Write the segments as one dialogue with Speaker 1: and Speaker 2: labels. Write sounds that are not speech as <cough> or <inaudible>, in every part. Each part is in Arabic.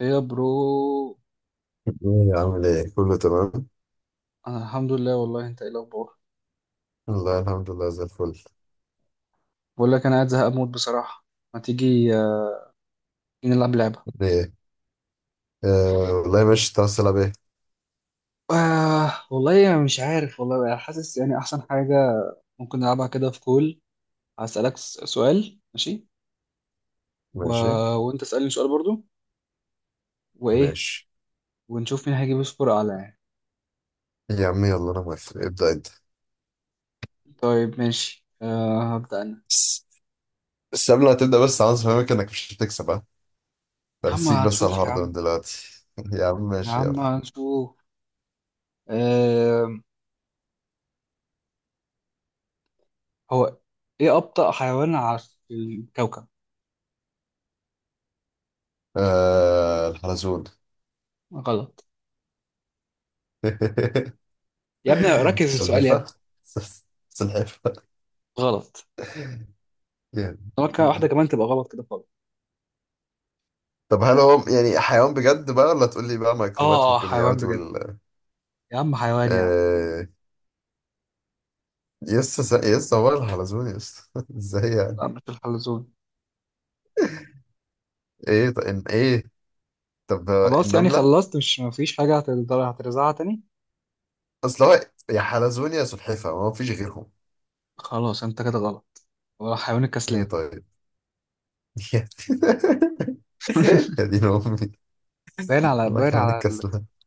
Speaker 1: ايه يا برو.
Speaker 2: ايه عامل ايه؟ كله تمام.
Speaker 1: انا الحمد لله، والله انت ايه الاخبار؟
Speaker 2: والله الحمد لله زي الفل.
Speaker 1: بقول لك انا قاعد زهق موت بصراحه. ما تيجي نلعب لعبه.
Speaker 2: ايه آه والله ماشي، تعال تلعب ايه؟
Speaker 1: والله انا مش عارف، والله انا حاسس يعني احسن حاجه ممكن نلعبها كده في كول. هسالك سؤال ماشي. و...
Speaker 2: ماشي
Speaker 1: وانت اسالني سؤال برضو. وايه؟
Speaker 2: ماشي
Speaker 1: ونشوف مين هيجيب سكور اعلى يعني.
Speaker 2: يا عم، يلا انا موافق، ابدأ انت.
Speaker 1: طيب ماشي، هبدا انا.
Speaker 2: بس بس قبل ما تبدأ، بس عاوز افهمك انك مش هتكسب، ها
Speaker 1: يا عم
Speaker 2: برسيك بس على
Speaker 1: هنشوف يا
Speaker 2: الهارد من
Speaker 1: عم.
Speaker 2: دلوقتي. <laughs> يا عم
Speaker 1: يا
Speaker 2: ماشي
Speaker 1: عم
Speaker 2: يلا.
Speaker 1: هنشوف. آه هو ايه ابطأ حيوان على الكوكب؟
Speaker 2: آه، الحلزون.
Speaker 1: غلط.
Speaker 2: <laughs>
Speaker 1: يا ابني ركز في السؤال يا
Speaker 2: سلحفة،
Speaker 1: ابني.
Speaker 2: سلحفة
Speaker 1: غلط.
Speaker 2: يعني.
Speaker 1: ممكن واحدة كمان تبقى غلط كده خالص.
Speaker 2: طب هل هو يعني حيوان بجد بقى، ولا تقول لي بقى
Speaker 1: اه
Speaker 2: ميكروبات
Speaker 1: اه، حيوان
Speaker 2: والكيميائيات
Speaker 1: بجد.
Speaker 2: وال...
Speaker 1: يا عم حيوان يا عم.
Speaker 2: آه، يس يس، هو الحلزون يس؟ <laughs> ازاي يعني؟
Speaker 1: لا مش الحلزون.
Speaker 2: ايه طب ان ايه، طب
Speaker 1: خلاص يعني
Speaker 2: النملة.
Speaker 1: خلصت، مش مفيش حاجة هتقدر هترزعها تاني.
Speaker 2: اصل هو يا حلزون يا سلحفة، ما فيش غيرهم.
Speaker 1: خلاص انت كده غلط. هو حيوان
Speaker 2: ايه
Speaker 1: الكسلان.
Speaker 2: طيب. <laughs> يا دين امي،
Speaker 1: باين على
Speaker 2: الله
Speaker 1: باين
Speaker 2: كان
Speaker 1: على .
Speaker 2: الكسلة. <laughs>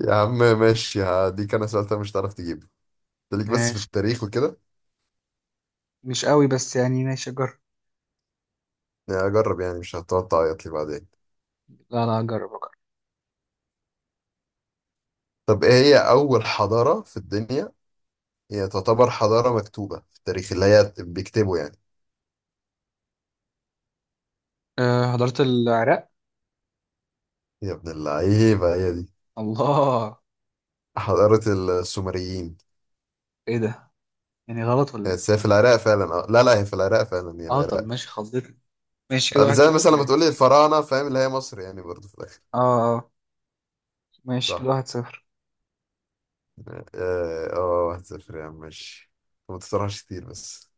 Speaker 2: يا عم ماشي هديك، انا سألتها مش هتعرف تجيبه. خليك بس في
Speaker 1: ماشي.
Speaker 2: التاريخ وكده.
Speaker 1: مش قوي بس يعني، ماشي جرب.
Speaker 2: يعني اجرب، يعني مش هتقعد تعيط لي بعدين؟
Speaker 1: لا لا، جرب جرب.
Speaker 2: طب ايه هي اول حضارة في الدنيا، هي تعتبر حضارة مكتوبة في التاريخ اللي هي بيكتبوا يعني؟
Speaker 1: أه، حضرت العراق.
Speaker 2: يا ابن اللعيبة، هي دي
Speaker 1: الله!
Speaker 2: حضارة السومريين.
Speaker 1: ايه ده؟ يعني غلط ولا ايه؟
Speaker 2: بس هي في العراق فعلا، اه لا لا، هي في العراق فعلا، هي
Speaker 1: اه طب
Speaker 2: العراق.
Speaker 1: ماشي، خضتني. ماشي كده واحد
Speaker 2: زي
Speaker 1: صفر
Speaker 2: مثلا لما
Speaker 1: ليه؟
Speaker 2: تقولي الفراعنة، فاهم؟ اللي هي مصر يعني برضو في الآخر.
Speaker 1: اه اه، ماشي كده
Speaker 2: صح.
Speaker 1: 1-0.
Speaker 2: اه واحد صفر يا عم ماشي. ما تطرحش كتير بس.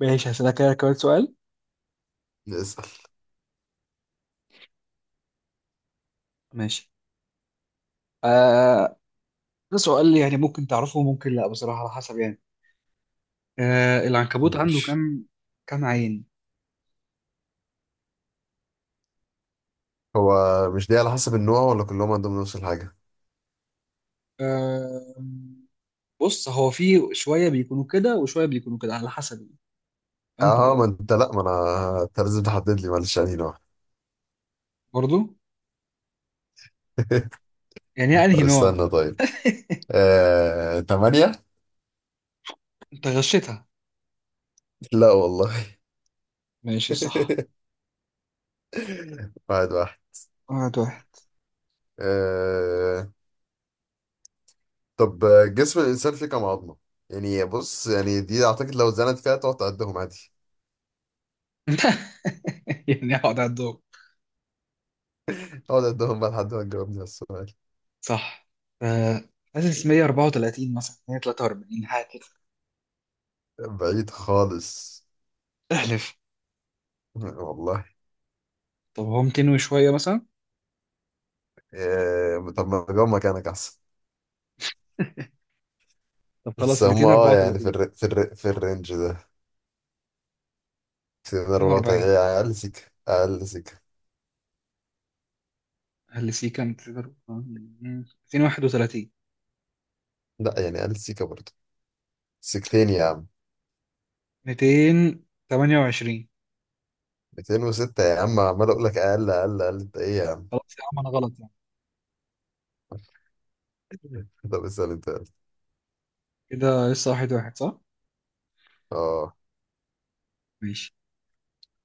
Speaker 1: ماشي، هسألك كده كمان سؤال.
Speaker 2: اسأل.
Speaker 1: ماشي. آه ده سؤال يعني ممكن تعرفه وممكن لا، بصراحة على حسب يعني. العنكبوت عنده
Speaker 2: ماشي.
Speaker 1: كام، كام عين؟
Speaker 2: هو مش دي على حسب النوع، ولا كلهم عندهم نفس الحاجة؟
Speaker 1: آه بص هو في شوية بيكونوا كده وشوية بيكونوا كده على حسب انت.
Speaker 2: اه ما انت لا، ما انا انت لازم تحدد لي، معلش، يعني نوع.
Speaker 1: برضو.
Speaker 2: <laughs>
Speaker 1: يعني هي
Speaker 2: طب
Speaker 1: انهي نوع؟
Speaker 2: استنى طيب. تمانية؟
Speaker 1: انت غشيتها.
Speaker 2: لا والله.
Speaker 1: ماشي صح.
Speaker 2: <laughs> واحد واحد.
Speaker 1: 1-1.
Speaker 2: آه... طب جسم الانسان فيه كام عظمه؟ يعني بص، يعني دي اعتقد لو اتزنت فيها تقعد تعدهم عادي.
Speaker 1: <laughs> يعني اقعد على الدور.
Speaker 2: <laughs> اقعد اعدهم بقى لحد ما تجاوبني على السؤال.
Speaker 1: صح. آه حاسس 134 مثلا، 143 حاجة كده.
Speaker 2: بعيد خالص.
Speaker 1: احلف.
Speaker 2: <laughs> والله.
Speaker 1: طب هو 200 وشوية مثلا.
Speaker 2: إيه طب، ما اجاوب مكانك احسن.
Speaker 1: <laughs> طب
Speaker 2: بس
Speaker 1: خلاص
Speaker 2: هم اه يعني في
Speaker 1: 234.
Speaker 2: في الرينج ده، في ضربات
Speaker 1: 240.
Speaker 2: ايه، اقل سيكه. اقل سيكه.
Speaker 1: هل سي كام تقدر. 231.
Speaker 2: لا يعني اقل سيكه برضه، سيكتين يا عم.
Speaker 1: 228.
Speaker 2: 206 يا عم، عمال اقول لك اقل اقل اقل، انت ايه يا عم؟
Speaker 1: خلاص يا عم انا غلط يعني.
Speaker 2: <laughs> طب اسال انت.
Speaker 1: كده لسه 1-1 صح؟
Speaker 2: اه،
Speaker 1: ماشي.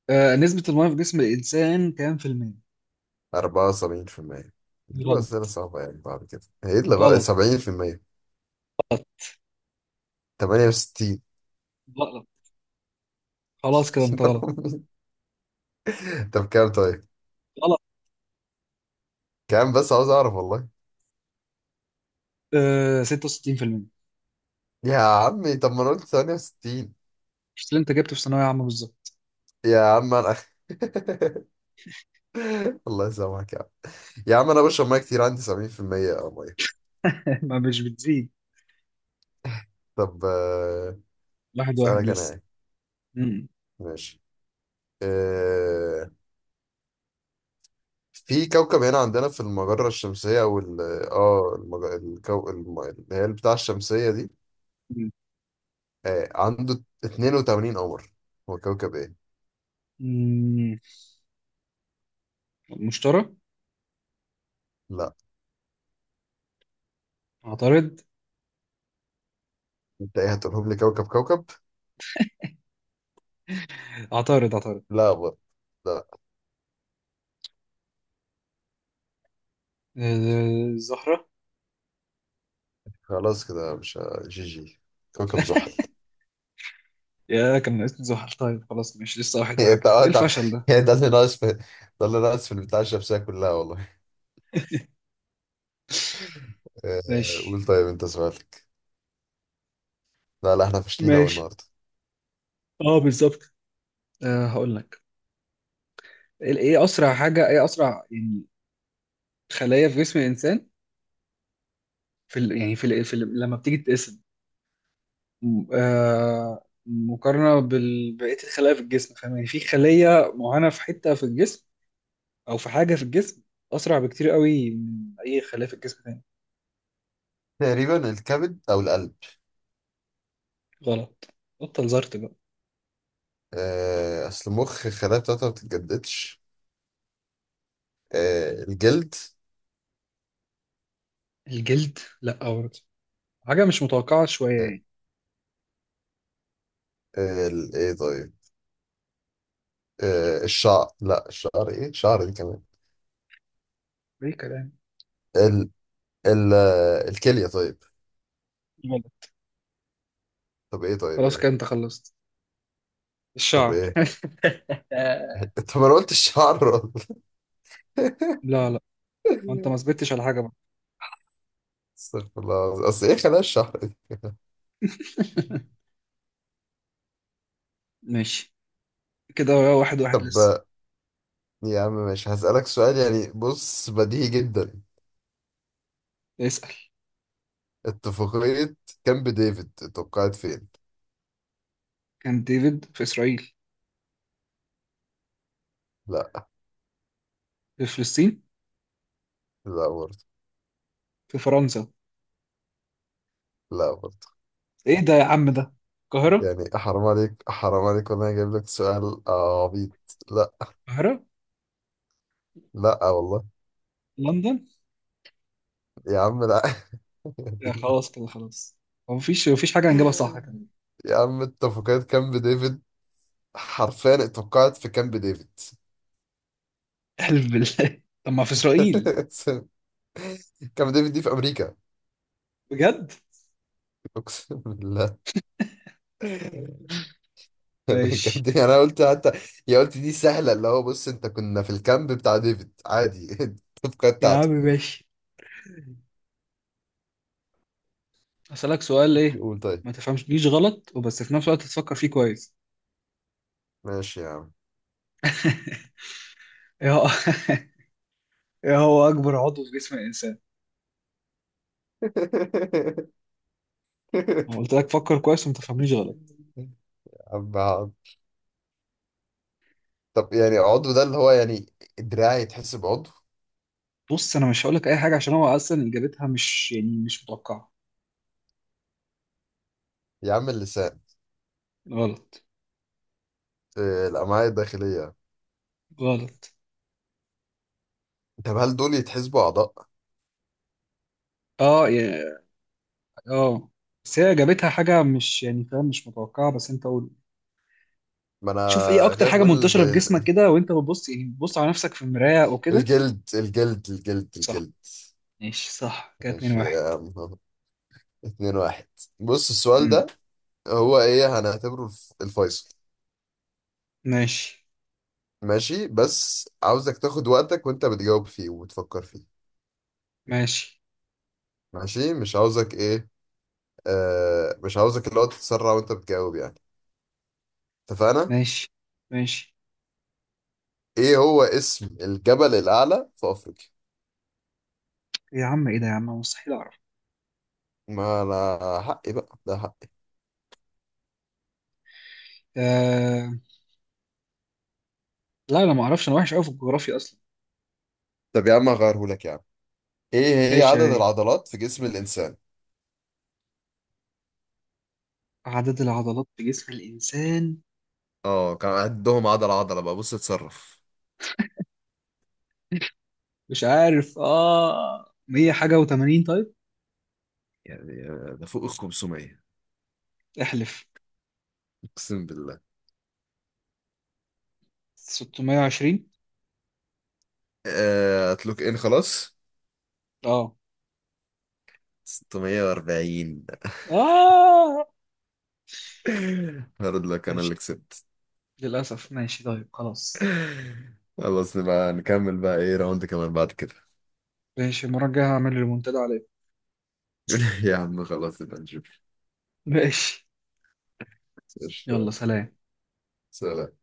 Speaker 1: نسبة المياه في جسم الإنسان كام في المية؟
Speaker 2: 74%. تجيب أسئلة
Speaker 1: غلط.
Speaker 2: صعبة يعني، بعد كده هي اللي
Speaker 1: غلط.
Speaker 2: 70%. 68.
Speaker 1: غلط. خلاص كده أنت غلط.
Speaker 2: <laughs> طب كام طيب؟
Speaker 1: غلط.
Speaker 2: كام بس، عاوز أعرف والله.
Speaker 1: 66%
Speaker 2: يا عمي طب ما أنا قلت 68.
Speaker 1: مش اللي أنت جبته في ثانوية عامة بالظبط؟
Speaker 2: يا عم أنا <laughs> الله يسامحك يا عم. يا عم أنا بشرب مية كتير، عندي 70% أو مية.
Speaker 1: <laughs> ما مش بتزيد.
Speaker 2: طب
Speaker 1: واحد واحد
Speaker 2: أسألك أنا
Speaker 1: لسه.
Speaker 2: يعني.
Speaker 1: مم.
Speaker 2: ماشي. آه، في كوكب هنا عندنا في المجرة الشمسية أو ال... آه اللي هي بتاع الشمسية دي،
Speaker 1: مم.
Speaker 2: آه عنده 82 قمر، هو كوكب ايه؟
Speaker 1: مم. مشترى.
Speaker 2: لا.
Speaker 1: عطارد.
Speaker 2: انت ايه هتقولهم لي كوكب كوكب؟
Speaker 1: عطارد عطارد.
Speaker 2: لا برضه. لا.
Speaker 1: الزهرة.
Speaker 2: خلاص كده مش جي جي. كوكب زحل. <laughs>
Speaker 1: يا كان ناقصني زحل، طيب خلاص ماشي لسه 1-1
Speaker 2: انت
Speaker 1: برضه، ايه
Speaker 2: انت
Speaker 1: الفشل ده؟
Speaker 2: يعني ده اللي ناقص في، ده اللي ناقص في البتاع الشمسية كلها والله. آه.
Speaker 1: ماشي.
Speaker 2: قول طيب انت سؤالك. لا لا، احنا فاشلين اوي
Speaker 1: ماشي
Speaker 2: النهارده.
Speaker 1: اه بالظبط. هقول لك. ايه اسرع حاجه، ايه اسرع يعني خلايا في جسم الانسان، في ال... يعني في, ال... في ال... لما بتيجي تتقسم مقارنه بقيه الخلايا في الجسم، فاهم يعني، في خليه معينه في حته في الجسم او في حاجه في الجسم اسرع بكتير قوي من اي خلايا في الجسم تاني.
Speaker 2: تقريبا الكبد او القلب.
Speaker 1: غلط. بطل زرت بقى.
Speaker 2: آه، اصل المخ الخلايا بتاعتها ما بتتجددش. آه، الجلد.
Speaker 1: الجلد لا برضه. حاجه مش متوقعه شويه
Speaker 2: آه.
Speaker 1: يعني.
Speaker 2: ايه طيب. آه الشعر، لا الشعر، ايه شعر دي
Speaker 1: ايه كلام.
Speaker 2: كمان؟ ال... الكلية طيب.
Speaker 1: جميل.
Speaker 2: طب ايه طيب،
Speaker 1: خلاص كده انت
Speaker 2: ايه؟
Speaker 1: خلصت.
Speaker 2: طب
Speaker 1: الشعر.
Speaker 2: ايه؟
Speaker 1: آه،
Speaker 2: <laughs> طب انا قلت الشعر.
Speaker 1: لا لا، ما انت
Speaker 2: <laughs>
Speaker 1: ما ثبتتش على حاجه بقى.
Speaker 2: استغفر الله العظيم. اصل ايه خلايا الشعر دي؟
Speaker 1: <laughs> ماشي كده 1-1
Speaker 2: طب
Speaker 1: لسه.
Speaker 2: يا عم ماشي، هسألك سؤال يعني بص بديهي جدا.
Speaker 1: اسأل.
Speaker 2: اتفاقية كامب ديفيد اتوقعت فين؟
Speaker 1: كان ديفيد في اسرائيل.
Speaker 2: لا.
Speaker 1: في فلسطين.
Speaker 2: لا برضه.
Speaker 1: في فرنسا.
Speaker 2: لا برضه.
Speaker 1: ايه ده يا عم ده؟ القاهره.
Speaker 2: يعني حرام عليك، حرام عليك والله، جايب لك سؤال عبيط. لا.
Speaker 1: القاهره.
Speaker 2: لا والله.
Speaker 1: لندن.
Speaker 2: يا عم لا.
Speaker 1: يا خلاص كده خلاص. هو مفيش حاجه هنجيبها صح
Speaker 2: <laughs>
Speaker 1: كمان.
Speaker 2: يا عم اتفاقية كامب ديفيد حرفيا اتوقعت في كامب ديفيد.
Speaker 1: احلف بالله. <laughs> طب ما في اسرائيل.
Speaker 2: <laughs> كامب ديفيد دي في امريكا.
Speaker 1: بجد.
Speaker 2: <laughs> اقسم بالله. كامب
Speaker 1: ماشي.
Speaker 2: ديفيد انا قلت حتى، يا قلت دي سهله، اللي هو بص انت كنا في الكامب بتاع ديفيد عادي. <laughs> التفكير
Speaker 1: يا عم
Speaker 2: بتاعته.
Speaker 1: ماشي اسالك سؤال ايه.
Speaker 2: قول طيب.
Speaker 1: ما تفهمش ليش غلط، وبس في نفس الوقت تفكر فيه كويس.
Speaker 2: ماشي يا عم.
Speaker 1: <laughs> ايه هو ايه هو اكبر عضو في جسم الانسان؟ انا قلت لك فكر كويس وما تفهمنيش غلط.
Speaker 2: <laughs> عم. طب يعني عضو ده اللي هو يعني دراعي يتحسب عضو؟
Speaker 1: بص انا مش هقول لك اي حاجه عشان هو اصلا اجابتها مش يعني مش متوقعه.
Speaker 2: يا عم اللسان.
Speaker 1: غلط.
Speaker 2: الامعاء الداخليه.
Speaker 1: غلط.
Speaker 2: طب هل دول يتحسبوا اعضاء؟
Speaker 1: اه يا. اه. بس هي اجابتها حاجه مش يعني، فاهم، مش متوقعه، بس انت قول.
Speaker 2: ما انا
Speaker 1: شوف ايه اكتر
Speaker 2: خايف
Speaker 1: حاجه
Speaker 2: اقول.
Speaker 1: منتشره في جسمك كده وانت بتبص، يعني بتبص على نفسك في المرايه وكده.
Speaker 2: الجلد
Speaker 1: صح.
Speaker 2: الجلد.
Speaker 1: ماشي صح كده 2
Speaker 2: ماشي
Speaker 1: 1
Speaker 2: يا عم أهو. اتنين واحد. بص السؤال
Speaker 1: امم.
Speaker 2: ده هو ايه، هنعتبره الفيصل.
Speaker 1: ماشي
Speaker 2: ماشي، بس عاوزك تاخد وقتك وانت بتجاوب فيه وبتفكر فيه.
Speaker 1: ماشي
Speaker 2: ماشي مش عاوزك ايه، مش عاوزك اللي هو تتسرع وانت بتجاوب يعني. اتفقنا؟
Speaker 1: ماشي ماشي.
Speaker 2: ايه هو اسم الجبل الاعلى في افريقيا؟
Speaker 1: إيه يا عم، ايه ده يا عم مستحيل اعرف.
Speaker 2: ما انا حقي بقى، ده حقي.
Speaker 1: آه... لا انا ما اعرفش، انا وحش قوي في الجغرافيا اصلا.
Speaker 2: طب يا عم هغيره لك يا عم. ايه هي
Speaker 1: ماشي يا
Speaker 2: عدد
Speaker 1: ري.
Speaker 2: العضلات في جسم الانسان؟
Speaker 1: عدد العضلات في جسم الإنسان.
Speaker 2: اه كان عندهم عضلة عضلة بقى، بص اتصرف
Speaker 1: مش عارف، مية حاجة وتمانين طيب.
Speaker 2: يعني. ده فوق ال 500.
Speaker 1: احلف.
Speaker 2: اقسم بالله.
Speaker 1: 620.
Speaker 2: هتلوك ان خلاص.
Speaker 1: اه.
Speaker 2: 640.
Speaker 1: اه.
Speaker 2: <laughs> هارد لك، انا
Speaker 1: ماشي.
Speaker 2: اللي كسبت.
Speaker 1: للأسف ماشي طيب خلاص.
Speaker 2: خلاص نبقى نكمل بقى ايه راوند كمان بعد كده.
Speaker 1: ماشي المرة الجاية هعمل المنتدى عليه.
Speaker 2: <laughs> يا عم خلاص نبقى نشوف.
Speaker 1: ماشي
Speaker 2: قشطة.
Speaker 1: يلا سلام.
Speaker 2: سلام